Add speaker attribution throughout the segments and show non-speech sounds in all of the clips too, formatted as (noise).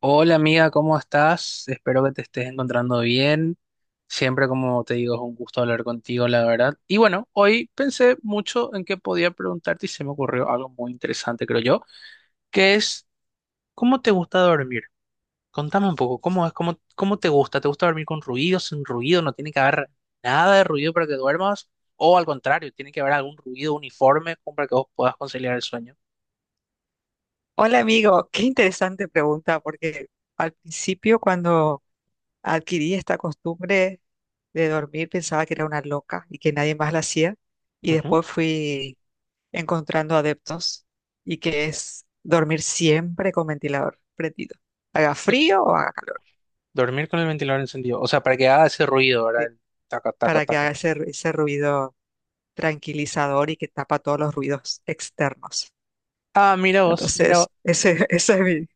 Speaker 1: Hola amiga, ¿cómo estás? Espero que te estés encontrando bien. Siempre, como te digo, es un gusto hablar contigo, la verdad. Y bueno, hoy pensé mucho en qué podía preguntarte y se me ocurrió algo muy interesante, creo yo, que es, ¿cómo te gusta dormir? Contame un poco, ¿cómo es? ¿Cómo te gusta? ¿Te gusta dormir con ruido, sin ruido? ¿No tiene que haber nada de ruido para que duermas? ¿O al contrario, tiene que haber algún ruido uniforme como para que vos puedas conciliar el sueño?
Speaker 2: Hola amigo, qué interesante pregunta, porque al principio cuando adquirí esta costumbre de dormir pensaba que era una loca y que nadie más la hacía, y
Speaker 1: Ujú.
Speaker 2: después fui encontrando adeptos y que es dormir siempre con ventilador prendido, haga frío o haga calor,
Speaker 1: Dormir con el ventilador encendido. O sea, para que haga ese ruido, ¿verdad?
Speaker 2: ¿sí?
Speaker 1: El taca, taca,
Speaker 2: Para que
Speaker 1: taca,
Speaker 2: haga
Speaker 1: taca.
Speaker 2: ese ruido tranquilizador y que tapa todos los ruidos externos.
Speaker 1: Ah, mira vos, mira vos.
Speaker 2: Entonces, (laughs) ese es mi...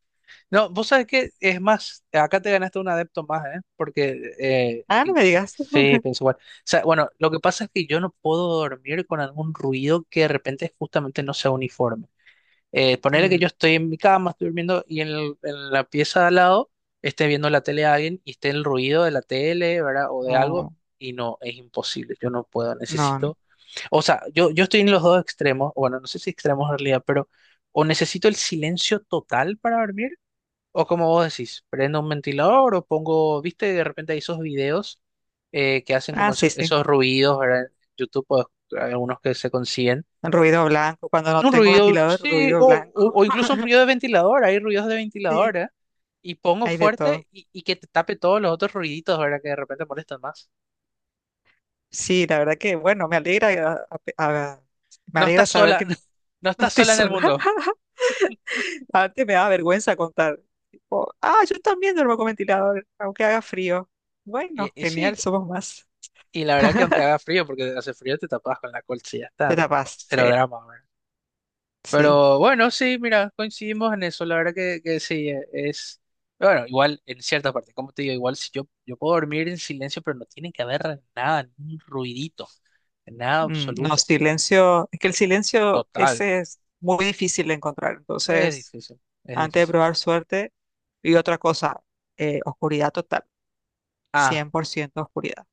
Speaker 1: No, vos sabés que es más, acá te ganaste un adepto más, ¿eh? Porque,
Speaker 2: Ah, no
Speaker 1: y
Speaker 2: me digas.
Speaker 1: sí, pienso igual. O sea, bueno, lo que pasa es que yo no puedo dormir con algún ruido que de repente justamente no sea uniforme. Ponele que
Speaker 2: Mm,
Speaker 1: yo estoy en mi cama, estoy durmiendo y en la pieza de al lado esté viendo la tele a alguien y esté el ruido de la tele, ¿verdad? O de algo
Speaker 2: no,
Speaker 1: y no, es imposible. Yo no puedo,
Speaker 2: no, no.
Speaker 1: necesito. O sea, yo estoy en los dos extremos, o bueno, no sé si extremos en realidad, pero o necesito el silencio total para dormir, o como vos decís, prendo un ventilador o pongo, viste, de repente hay esos videos que hacen
Speaker 2: Ah,
Speaker 1: como
Speaker 2: sí, sí.
Speaker 1: esos ruidos, ¿verdad? En YouTube pues, hay algunos que se consiguen.
Speaker 2: Ruido blanco, cuando no
Speaker 1: Un
Speaker 2: tengo
Speaker 1: ruido,
Speaker 2: ventilador,
Speaker 1: sí,
Speaker 2: ruido
Speaker 1: o,
Speaker 2: blanco.
Speaker 1: o, o incluso un ruido de ventilador, hay ruidos de
Speaker 2: (laughs) Sí,
Speaker 1: ventilador, ¿eh? Y pongo
Speaker 2: hay de todo.
Speaker 1: fuerte y que te tape todos los otros ruiditos, ¿verdad? Que de repente molestan más.
Speaker 2: Sí, la verdad que, bueno, me alegra, a- a- me
Speaker 1: No
Speaker 2: alegra
Speaker 1: estás
Speaker 2: saber
Speaker 1: sola,
Speaker 2: que (laughs)
Speaker 1: (laughs) no
Speaker 2: no
Speaker 1: estás
Speaker 2: estoy
Speaker 1: sola en el
Speaker 2: sola.
Speaker 1: mundo.
Speaker 2: (laughs) Antes me daba vergüenza contar, tipo, ah, yo también duermo con ventilador, aunque haga frío.
Speaker 1: Y,
Speaker 2: Bueno,
Speaker 1: y sí.
Speaker 2: genial, somos más.
Speaker 1: Y la verdad que aunque
Speaker 2: (laughs)
Speaker 1: haga frío, porque hace frío te tapas con la colcha y ya está,
Speaker 2: Te
Speaker 1: ¿no?
Speaker 2: tapas, sí,
Speaker 1: Cero drama, ¿verdad?
Speaker 2: sí.
Speaker 1: Pero bueno, sí, mira, coincidimos en eso, la verdad que sí, es. Bueno, igual en cierta parte, como te digo, igual si yo puedo dormir en silencio, pero no tiene que haber nada, ni un ruidito, nada
Speaker 2: Mm, no,
Speaker 1: absoluto,
Speaker 2: silencio, es que el silencio
Speaker 1: total.
Speaker 2: ese es muy difícil de encontrar.
Speaker 1: Sí, es
Speaker 2: Entonces,
Speaker 1: difícil, es
Speaker 2: antes de
Speaker 1: difícil.
Speaker 2: probar suerte, y otra cosa, oscuridad total.
Speaker 1: Ah,
Speaker 2: 100% oscuridad.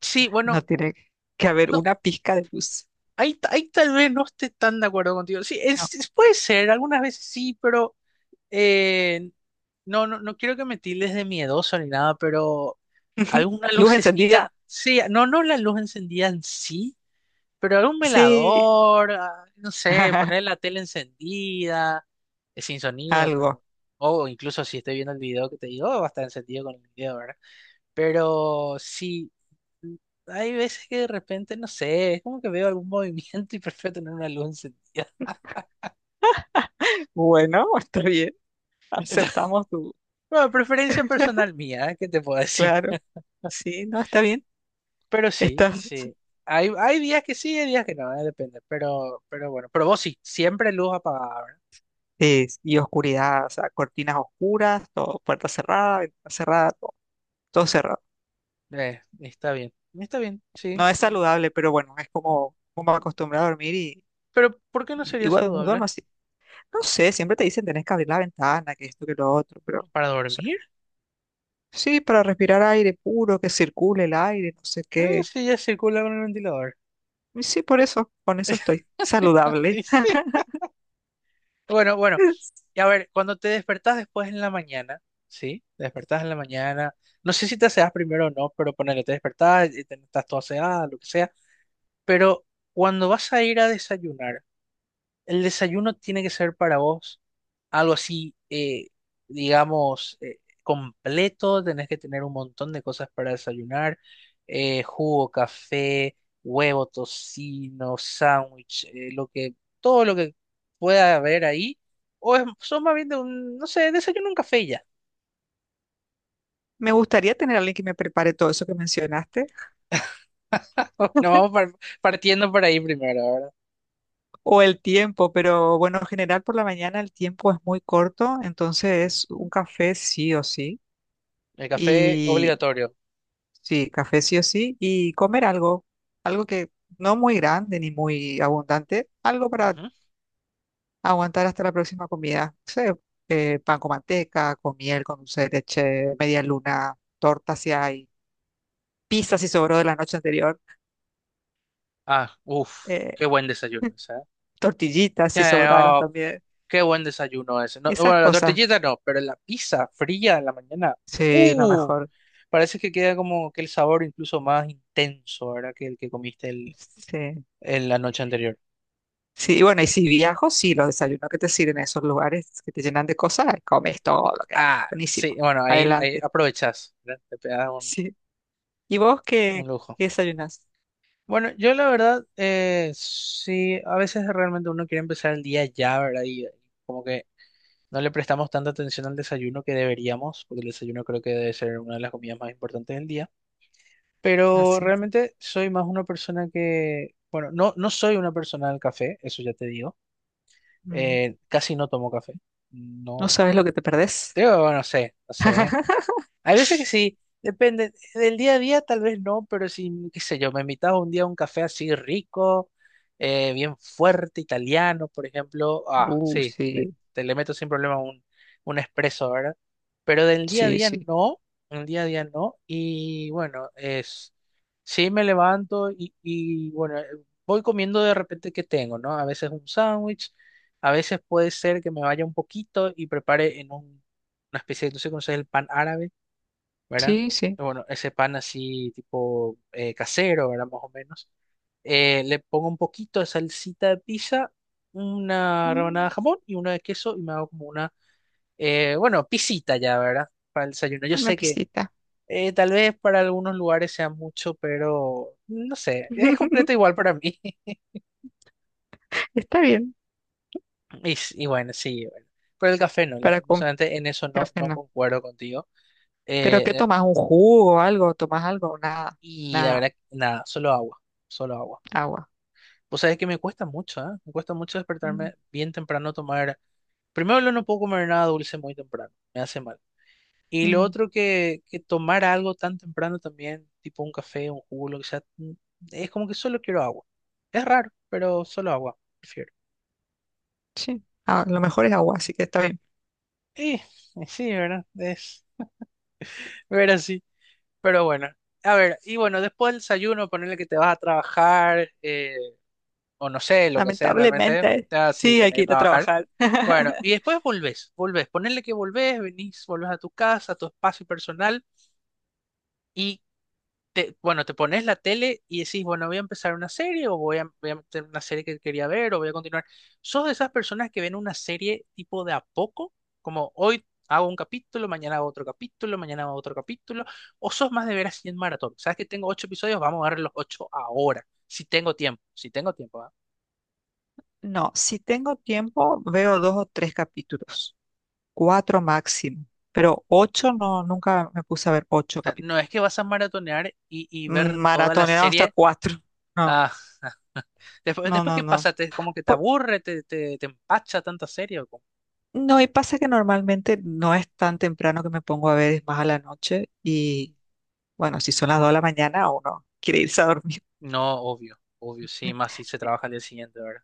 Speaker 1: sí,
Speaker 2: No
Speaker 1: bueno,
Speaker 2: tiene que haber
Speaker 1: no,
Speaker 2: una pizca de luz.
Speaker 1: ahí, ahí tal vez no esté tan de acuerdo contigo. Sí,
Speaker 2: No.
Speaker 1: puede ser, algunas veces sí, pero. Eh, no, no, no quiero que me tildes de miedoso ni nada, pero
Speaker 2: (laughs)
Speaker 1: alguna
Speaker 2: Luz encendida.
Speaker 1: lucecita, sí, no, no la luz encendida en sí, pero algún
Speaker 2: Sí.
Speaker 1: velador, ah, no sé, poner
Speaker 2: (laughs)
Speaker 1: la tele encendida, sin sonido, pero,
Speaker 2: Algo.
Speaker 1: o incluso si estoy viendo el video que te digo, va a estar encendido con el video, ¿verdad? Pero sí, mm, hay veces que de repente, no sé, es como que veo algún (laughs) movimiento y prefiero tener una luz encendida.
Speaker 2: Bueno, está bien.
Speaker 1: (laughs)
Speaker 2: Aceptamos tu.
Speaker 1: Bueno, preferencia
Speaker 2: (laughs)
Speaker 1: personal mía, ¿eh? ¿Qué te puedo decir?
Speaker 2: Claro. Sí, no, está bien.
Speaker 1: Pero sí,
Speaker 2: Estás. (laughs)
Speaker 1: sí. Hay días que sí, hay días que no, depende. Pero bueno, pero vos sí, siempre luz apagada,
Speaker 2: Sí, y oscuridad, o sea, cortinas oscuras, todo, puerta cerrada, ventana cerrada, todo, todo cerrado.
Speaker 1: ¿verdad? Está bien, está bien, sí,
Speaker 2: No es
Speaker 1: sí.
Speaker 2: saludable, pero bueno, es como, como acostumbrado a dormir y,
Speaker 1: Pero ¿por qué no
Speaker 2: y, y
Speaker 1: sería
Speaker 2: bueno, no duermo
Speaker 1: saludable?
Speaker 2: así. No sé, siempre te dicen tenés que abrir la ventana, que esto, que lo otro, pero
Speaker 1: ¿Para dormir?
Speaker 2: sí, para respirar aire puro, que circule el aire, no sé
Speaker 1: Ah,
Speaker 2: qué.
Speaker 1: sí, ya circula con el ventilador.
Speaker 2: Y sí, por eso, con eso estoy
Speaker 1: (laughs) Y
Speaker 2: saludable.
Speaker 1: sí. Bueno, bueno.
Speaker 2: (laughs)
Speaker 1: Y a ver, cuando te despertás después en la mañana, ¿sí? Te despertás en la mañana. No sé si te aseás primero o no, pero ponele, te despertás, y estás todo aseada, lo que sea. Pero cuando vas a ir a desayunar, el desayuno tiene que ser para vos, algo así, digamos, completo, tenés que tener un montón de cosas para desayunar, jugo, café, huevo, tocino, sándwich, lo que, todo lo que pueda haber ahí, o es, sos más bien de un, no sé, desayuno un café y ya,
Speaker 2: Me gustaría tener a alguien que me prepare todo eso que mencionaste,
Speaker 1: (laughs) nos vamos partiendo por ahí primero, ¿verdad?
Speaker 2: o el tiempo, pero bueno, en general por la mañana el tiempo es muy corto, entonces
Speaker 1: Ujú.
Speaker 2: un café sí o sí,
Speaker 1: El café
Speaker 2: y
Speaker 1: obligatorio.
Speaker 2: sí, café sí o sí, y comer algo, algo que no muy grande ni muy abundante, algo para
Speaker 1: Ujú.
Speaker 2: aguantar hasta la próxima comida. No sé, pan con manteca, con miel, con dulce de leche, media luna, torta si hay, pizza si sobró de la noche anterior,
Speaker 1: Ah, uff,
Speaker 2: eh,
Speaker 1: qué buen desayuno,
Speaker 2: (laughs)
Speaker 1: ¿sabes?
Speaker 2: tortillitas si sobraron también.
Speaker 1: Qué buen desayuno ese. No,
Speaker 2: Esas
Speaker 1: bueno, la
Speaker 2: cosas,
Speaker 1: tortillita no, pero la pizza fría en la mañana.
Speaker 2: sí, lo
Speaker 1: Uh,
Speaker 2: mejor.
Speaker 1: Parece que queda como que el sabor incluso más intenso, ¿verdad? Que el que comiste el,
Speaker 2: Sí.
Speaker 1: en la noche anterior.
Speaker 2: Sí, y bueno, y si viajo, sí, los desayunos que te sirven en esos lugares que te llenan de cosas, comes todo lo que hay.
Speaker 1: Ah, sí,
Speaker 2: Buenísimo.
Speaker 1: bueno, ahí
Speaker 2: Adelante. (laughs)
Speaker 1: aprovechás, ¿verdad? Te pegas un,
Speaker 2: Sí. ¿Y vos
Speaker 1: un
Speaker 2: qué,
Speaker 1: lujo.
Speaker 2: qué desayunas?
Speaker 1: Bueno, yo la verdad, sí, a veces realmente uno quiere empezar el día ya, ¿verdad? Y como que no le prestamos tanta atención al desayuno que deberíamos, porque el desayuno creo que debe ser una de las comidas más importantes del día. Pero
Speaker 2: Así.
Speaker 1: realmente soy más una persona que, bueno, no, no soy una persona del café, eso ya te digo.
Speaker 2: No
Speaker 1: Casi no tomo café. No,
Speaker 2: sabes lo que te perdés.
Speaker 1: te, bueno, no sé, no sé.
Speaker 2: (laughs)
Speaker 1: Hay veces que sí, depende. Del día a día tal vez no, pero si, qué sé yo, me invitaba un día a un café así rico, bien fuerte, italiano, por ejemplo, ah, sí, le,
Speaker 2: Sí.
Speaker 1: te le meto sin problema un espresso, ¿verdad? Pero del día a
Speaker 2: Sí,
Speaker 1: día
Speaker 2: sí,
Speaker 1: no, del día a día no, y bueno, es, sí me levanto y bueno, voy comiendo de repente que tengo, ¿no? A veces un sándwich, a veces puede ser que me vaya un poquito y prepare en una especie, no sé si conoces el pan árabe, ¿verdad?
Speaker 2: sí, sí.
Speaker 1: Bueno, ese pan así tipo casero, ¿verdad? Más o menos. Le pongo un poquito de salsita de pizza, una rebanada
Speaker 2: Mm,
Speaker 1: de jamón y una de queso y me hago como una, bueno, pisita ya, ¿verdad? Para el desayuno. Yo
Speaker 2: Una
Speaker 1: sé que
Speaker 2: pistita.
Speaker 1: tal vez para algunos lugares sea mucho, pero no sé, es completo
Speaker 2: (laughs)
Speaker 1: igual para mí. (laughs)
Speaker 2: Está bien,
Speaker 1: Y bueno, sí, bueno. Pero el café no,
Speaker 2: para con
Speaker 1: lastimosamente en eso no,
Speaker 2: café
Speaker 1: no
Speaker 2: no.
Speaker 1: concuerdo contigo.
Speaker 2: ¿Pero qué
Speaker 1: Eh,
Speaker 2: tomas? ¿Un jugo o algo? ¿Tomas algo? Nada,
Speaker 1: y la
Speaker 2: nada,
Speaker 1: verdad, nada, solo agua, solo agua.
Speaker 2: agua.
Speaker 1: Pues sabés que me cuesta mucho, ¿eh? Me cuesta mucho
Speaker 2: Mm,
Speaker 1: despertarme bien temprano, tomar. Primero, lo no puedo comer nada dulce muy temprano, me hace mal. Y lo
Speaker 2: mm,
Speaker 1: otro que tomar algo tan temprano también, tipo un café, un jugo, lo que sea, es como que solo quiero agua. Es raro, pero solo agua, prefiero.
Speaker 2: sí, a lo mejor es agua, así que está bien.
Speaker 1: Y, y sí, ¿verdad? Es ver así. Pero bueno, a ver, y bueno, después del desayuno, ponerle que te vas a trabajar, o no sé, lo que haces realmente,
Speaker 2: Lamentablemente,
Speaker 1: ya sí,
Speaker 2: sí, hay
Speaker 1: tenés
Speaker 2: que
Speaker 1: que
Speaker 2: ir a
Speaker 1: trabajar.
Speaker 2: trabajar.
Speaker 1: Bueno, y
Speaker 2: (laughs)
Speaker 1: después volvés, ponerle que volvés, venís, volvés a tu casa, a tu espacio personal y te, bueno, te pones la tele y decís, bueno, voy a empezar una serie o voy a meter una serie que quería ver o voy a continuar. ¿Sos de esas personas que ven una serie tipo de a poco? Como hoy hago un capítulo, mañana hago otro capítulo, mañana hago otro capítulo, o sos más de ver así en maratón. Sabes que tengo ocho episodios, vamos a ver los ocho ahora, si tengo tiempo, si tengo tiempo, ¿ah?
Speaker 2: No, si tengo tiempo, veo dos o tres capítulos, cuatro máximo, pero ocho no, nunca me puse a ver
Speaker 1: O
Speaker 2: ocho
Speaker 1: sea, no
Speaker 2: capítulos.
Speaker 1: es que vas a maratonear y ver toda la
Speaker 2: Maratoneado hasta
Speaker 1: serie.
Speaker 2: cuatro. No,
Speaker 1: Ah, Después,
Speaker 2: no,
Speaker 1: después
Speaker 2: no,
Speaker 1: ¿qué
Speaker 2: no.
Speaker 1: pasa? Como que te aburre, te empacha tanta serie. ¿O cómo?
Speaker 2: No, y pasa que normalmente no es tan temprano que me pongo a ver, es más a la noche. Y bueno, si son las 2 de la mañana, uno quiere irse a dormir.
Speaker 1: No, obvio, obvio, sí, más
Speaker 2: (laughs)
Speaker 1: si se trabaja al día siguiente, ¿verdad?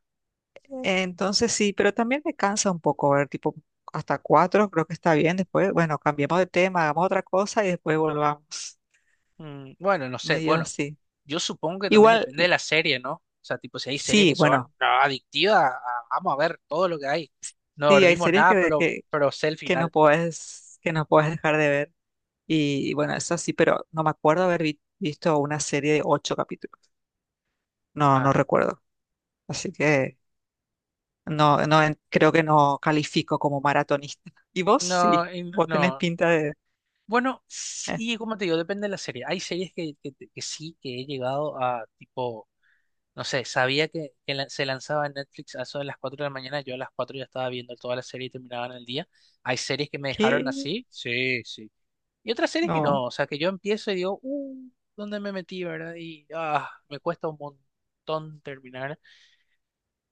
Speaker 2: Entonces sí, pero también me cansa un poco ver, tipo, hasta 4 creo que está bien. Después, bueno, cambiemos de tema, hagamos otra cosa y después volvamos.
Speaker 1: Bueno, no sé,
Speaker 2: Medio
Speaker 1: bueno,
Speaker 2: sí.
Speaker 1: yo supongo que también
Speaker 2: Igual,
Speaker 1: depende de la serie, ¿no? O sea, tipo, si hay series que
Speaker 2: sí,
Speaker 1: son
Speaker 2: bueno,
Speaker 1: no, adictivas, ah, vamos a ver todo lo que hay. No
Speaker 2: sí, hay
Speaker 1: dormimos
Speaker 2: series
Speaker 1: nada,
Speaker 2: que,
Speaker 1: pero,
Speaker 2: que,
Speaker 1: pero sé el
Speaker 2: que no
Speaker 1: final.
Speaker 2: puedes, que no puedes dejar de ver. Y bueno, eso sí, pero no me acuerdo haber visto una serie de ocho capítulos. No, no
Speaker 1: Ah,
Speaker 2: recuerdo. Así que no, no, creo que no califico como maratonista. Y vos sí,
Speaker 1: no, y
Speaker 2: vos tenés
Speaker 1: no.
Speaker 2: pinta de...
Speaker 1: Bueno,
Speaker 2: eh,
Speaker 1: sí, como te digo, depende de la serie. Hay series que sí, que he llegado a, tipo. No sé, sabía que se lanzaba en Netflix a eso de las 4 de la mañana. Yo a las 4 ya estaba viendo toda la serie y terminaba en el día. Hay series que me dejaron
Speaker 2: ¿Qué?
Speaker 1: así, sí, sí. Y otras series que
Speaker 2: No.
Speaker 1: no, o sea, que yo empiezo y digo, ¿dónde me metí, verdad? Y me cuesta un montón terminar.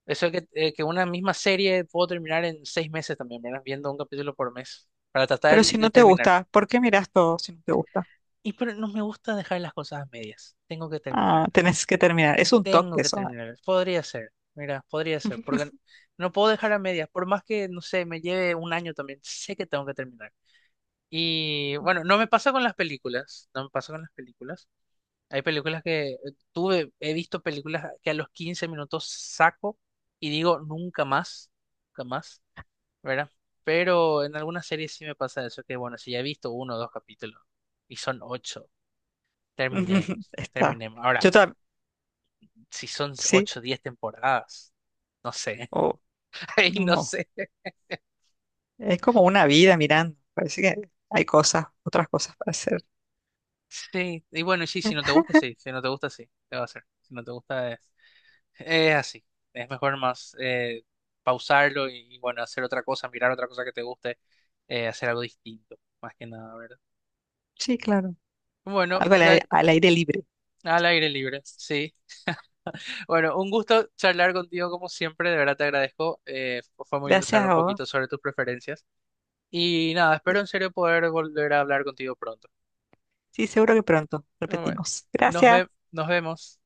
Speaker 1: Eso es que una misma serie puedo terminar en 6 meses también, ¿verdad? Viendo un capítulo por mes para tratar
Speaker 2: Pero
Speaker 1: de
Speaker 2: si
Speaker 1: de
Speaker 2: no te
Speaker 1: terminar.
Speaker 2: gusta, ¿por qué mirás todo si no te gusta?
Speaker 1: Y pero no me gusta dejar las cosas a medias, tengo que
Speaker 2: Ah,
Speaker 1: terminarlas.
Speaker 2: tenés que terminar. Es un
Speaker 1: Tengo
Speaker 2: toque
Speaker 1: que
Speaker 2: eso.
Speaker 1: terminar. Podría ser. Mira, podría ser. Porque no puedo dejar a medias. Por más que, no sé, me lleve un año también. Sé que tengo que terminar. Y bueno,
Speaker 2: Mm.
Speaker 1: no me pasa con las películas. No me pasa con las películas. Hay películas que tuve, he visto películas que a los 15 minutos saco y digo nunca más. Nunca más. ¿Verdad? Pero en algunas series sí me pasa eso. Que bueno, si ya he visto uno o dos capítulos y son ocho,
Speaker 2: (laughs)
Speaker 1: terminemos.
Speaker 2: Está.
Speaker 1: Terminemos. Ahora,
Speaker 2: Yo también,
Speaker 1: si son
Speaker 2: sí,
Speaker 1: 8 o 10 temporadas. No sé.
Speaker 2: o
Speaker 1: (laughs) Ay, no
Speaker 2: no.
Speaker 1: sé.
Speaker 2: Es como una vida mirando. Parece que hay cosas, otras cosas para hacer.
Speaker 1: Sí, y bueno, sí, si no te gusta, sí, si no te gusta, sí, te va a hacer. Si no te gusta, es así. Es mejor más pausarlo y, bueno, hacer otra cosa, mirar otra cosa que te guste, hacer algo distinto, más que nada, ¿verdad?
Speaker 2: Sí, claro.
Speaker 1: Bueno, o
Speaker 2: Algo al aire libre.
Speaker 1: al aire libre, sí. Bueno, un gusto charlar contigo como siempre, de verdad te agradezco. Fue muy lindo
Speaker 2: Gracias
Speaker 1: saber un
Speaker 2: a vos.
Speaker 1: poquito sobre tus preferencias. Y nada, espero en serio poder volver a hablar contigo pronto.
Speaker 2: Sí, seguro que pronto
Speaker 1: Bueno,
Speaker 2: repetimos.
Speaker 1: nos
Speaker 2: Gracias.
Speaker 1: ve- nos vemos.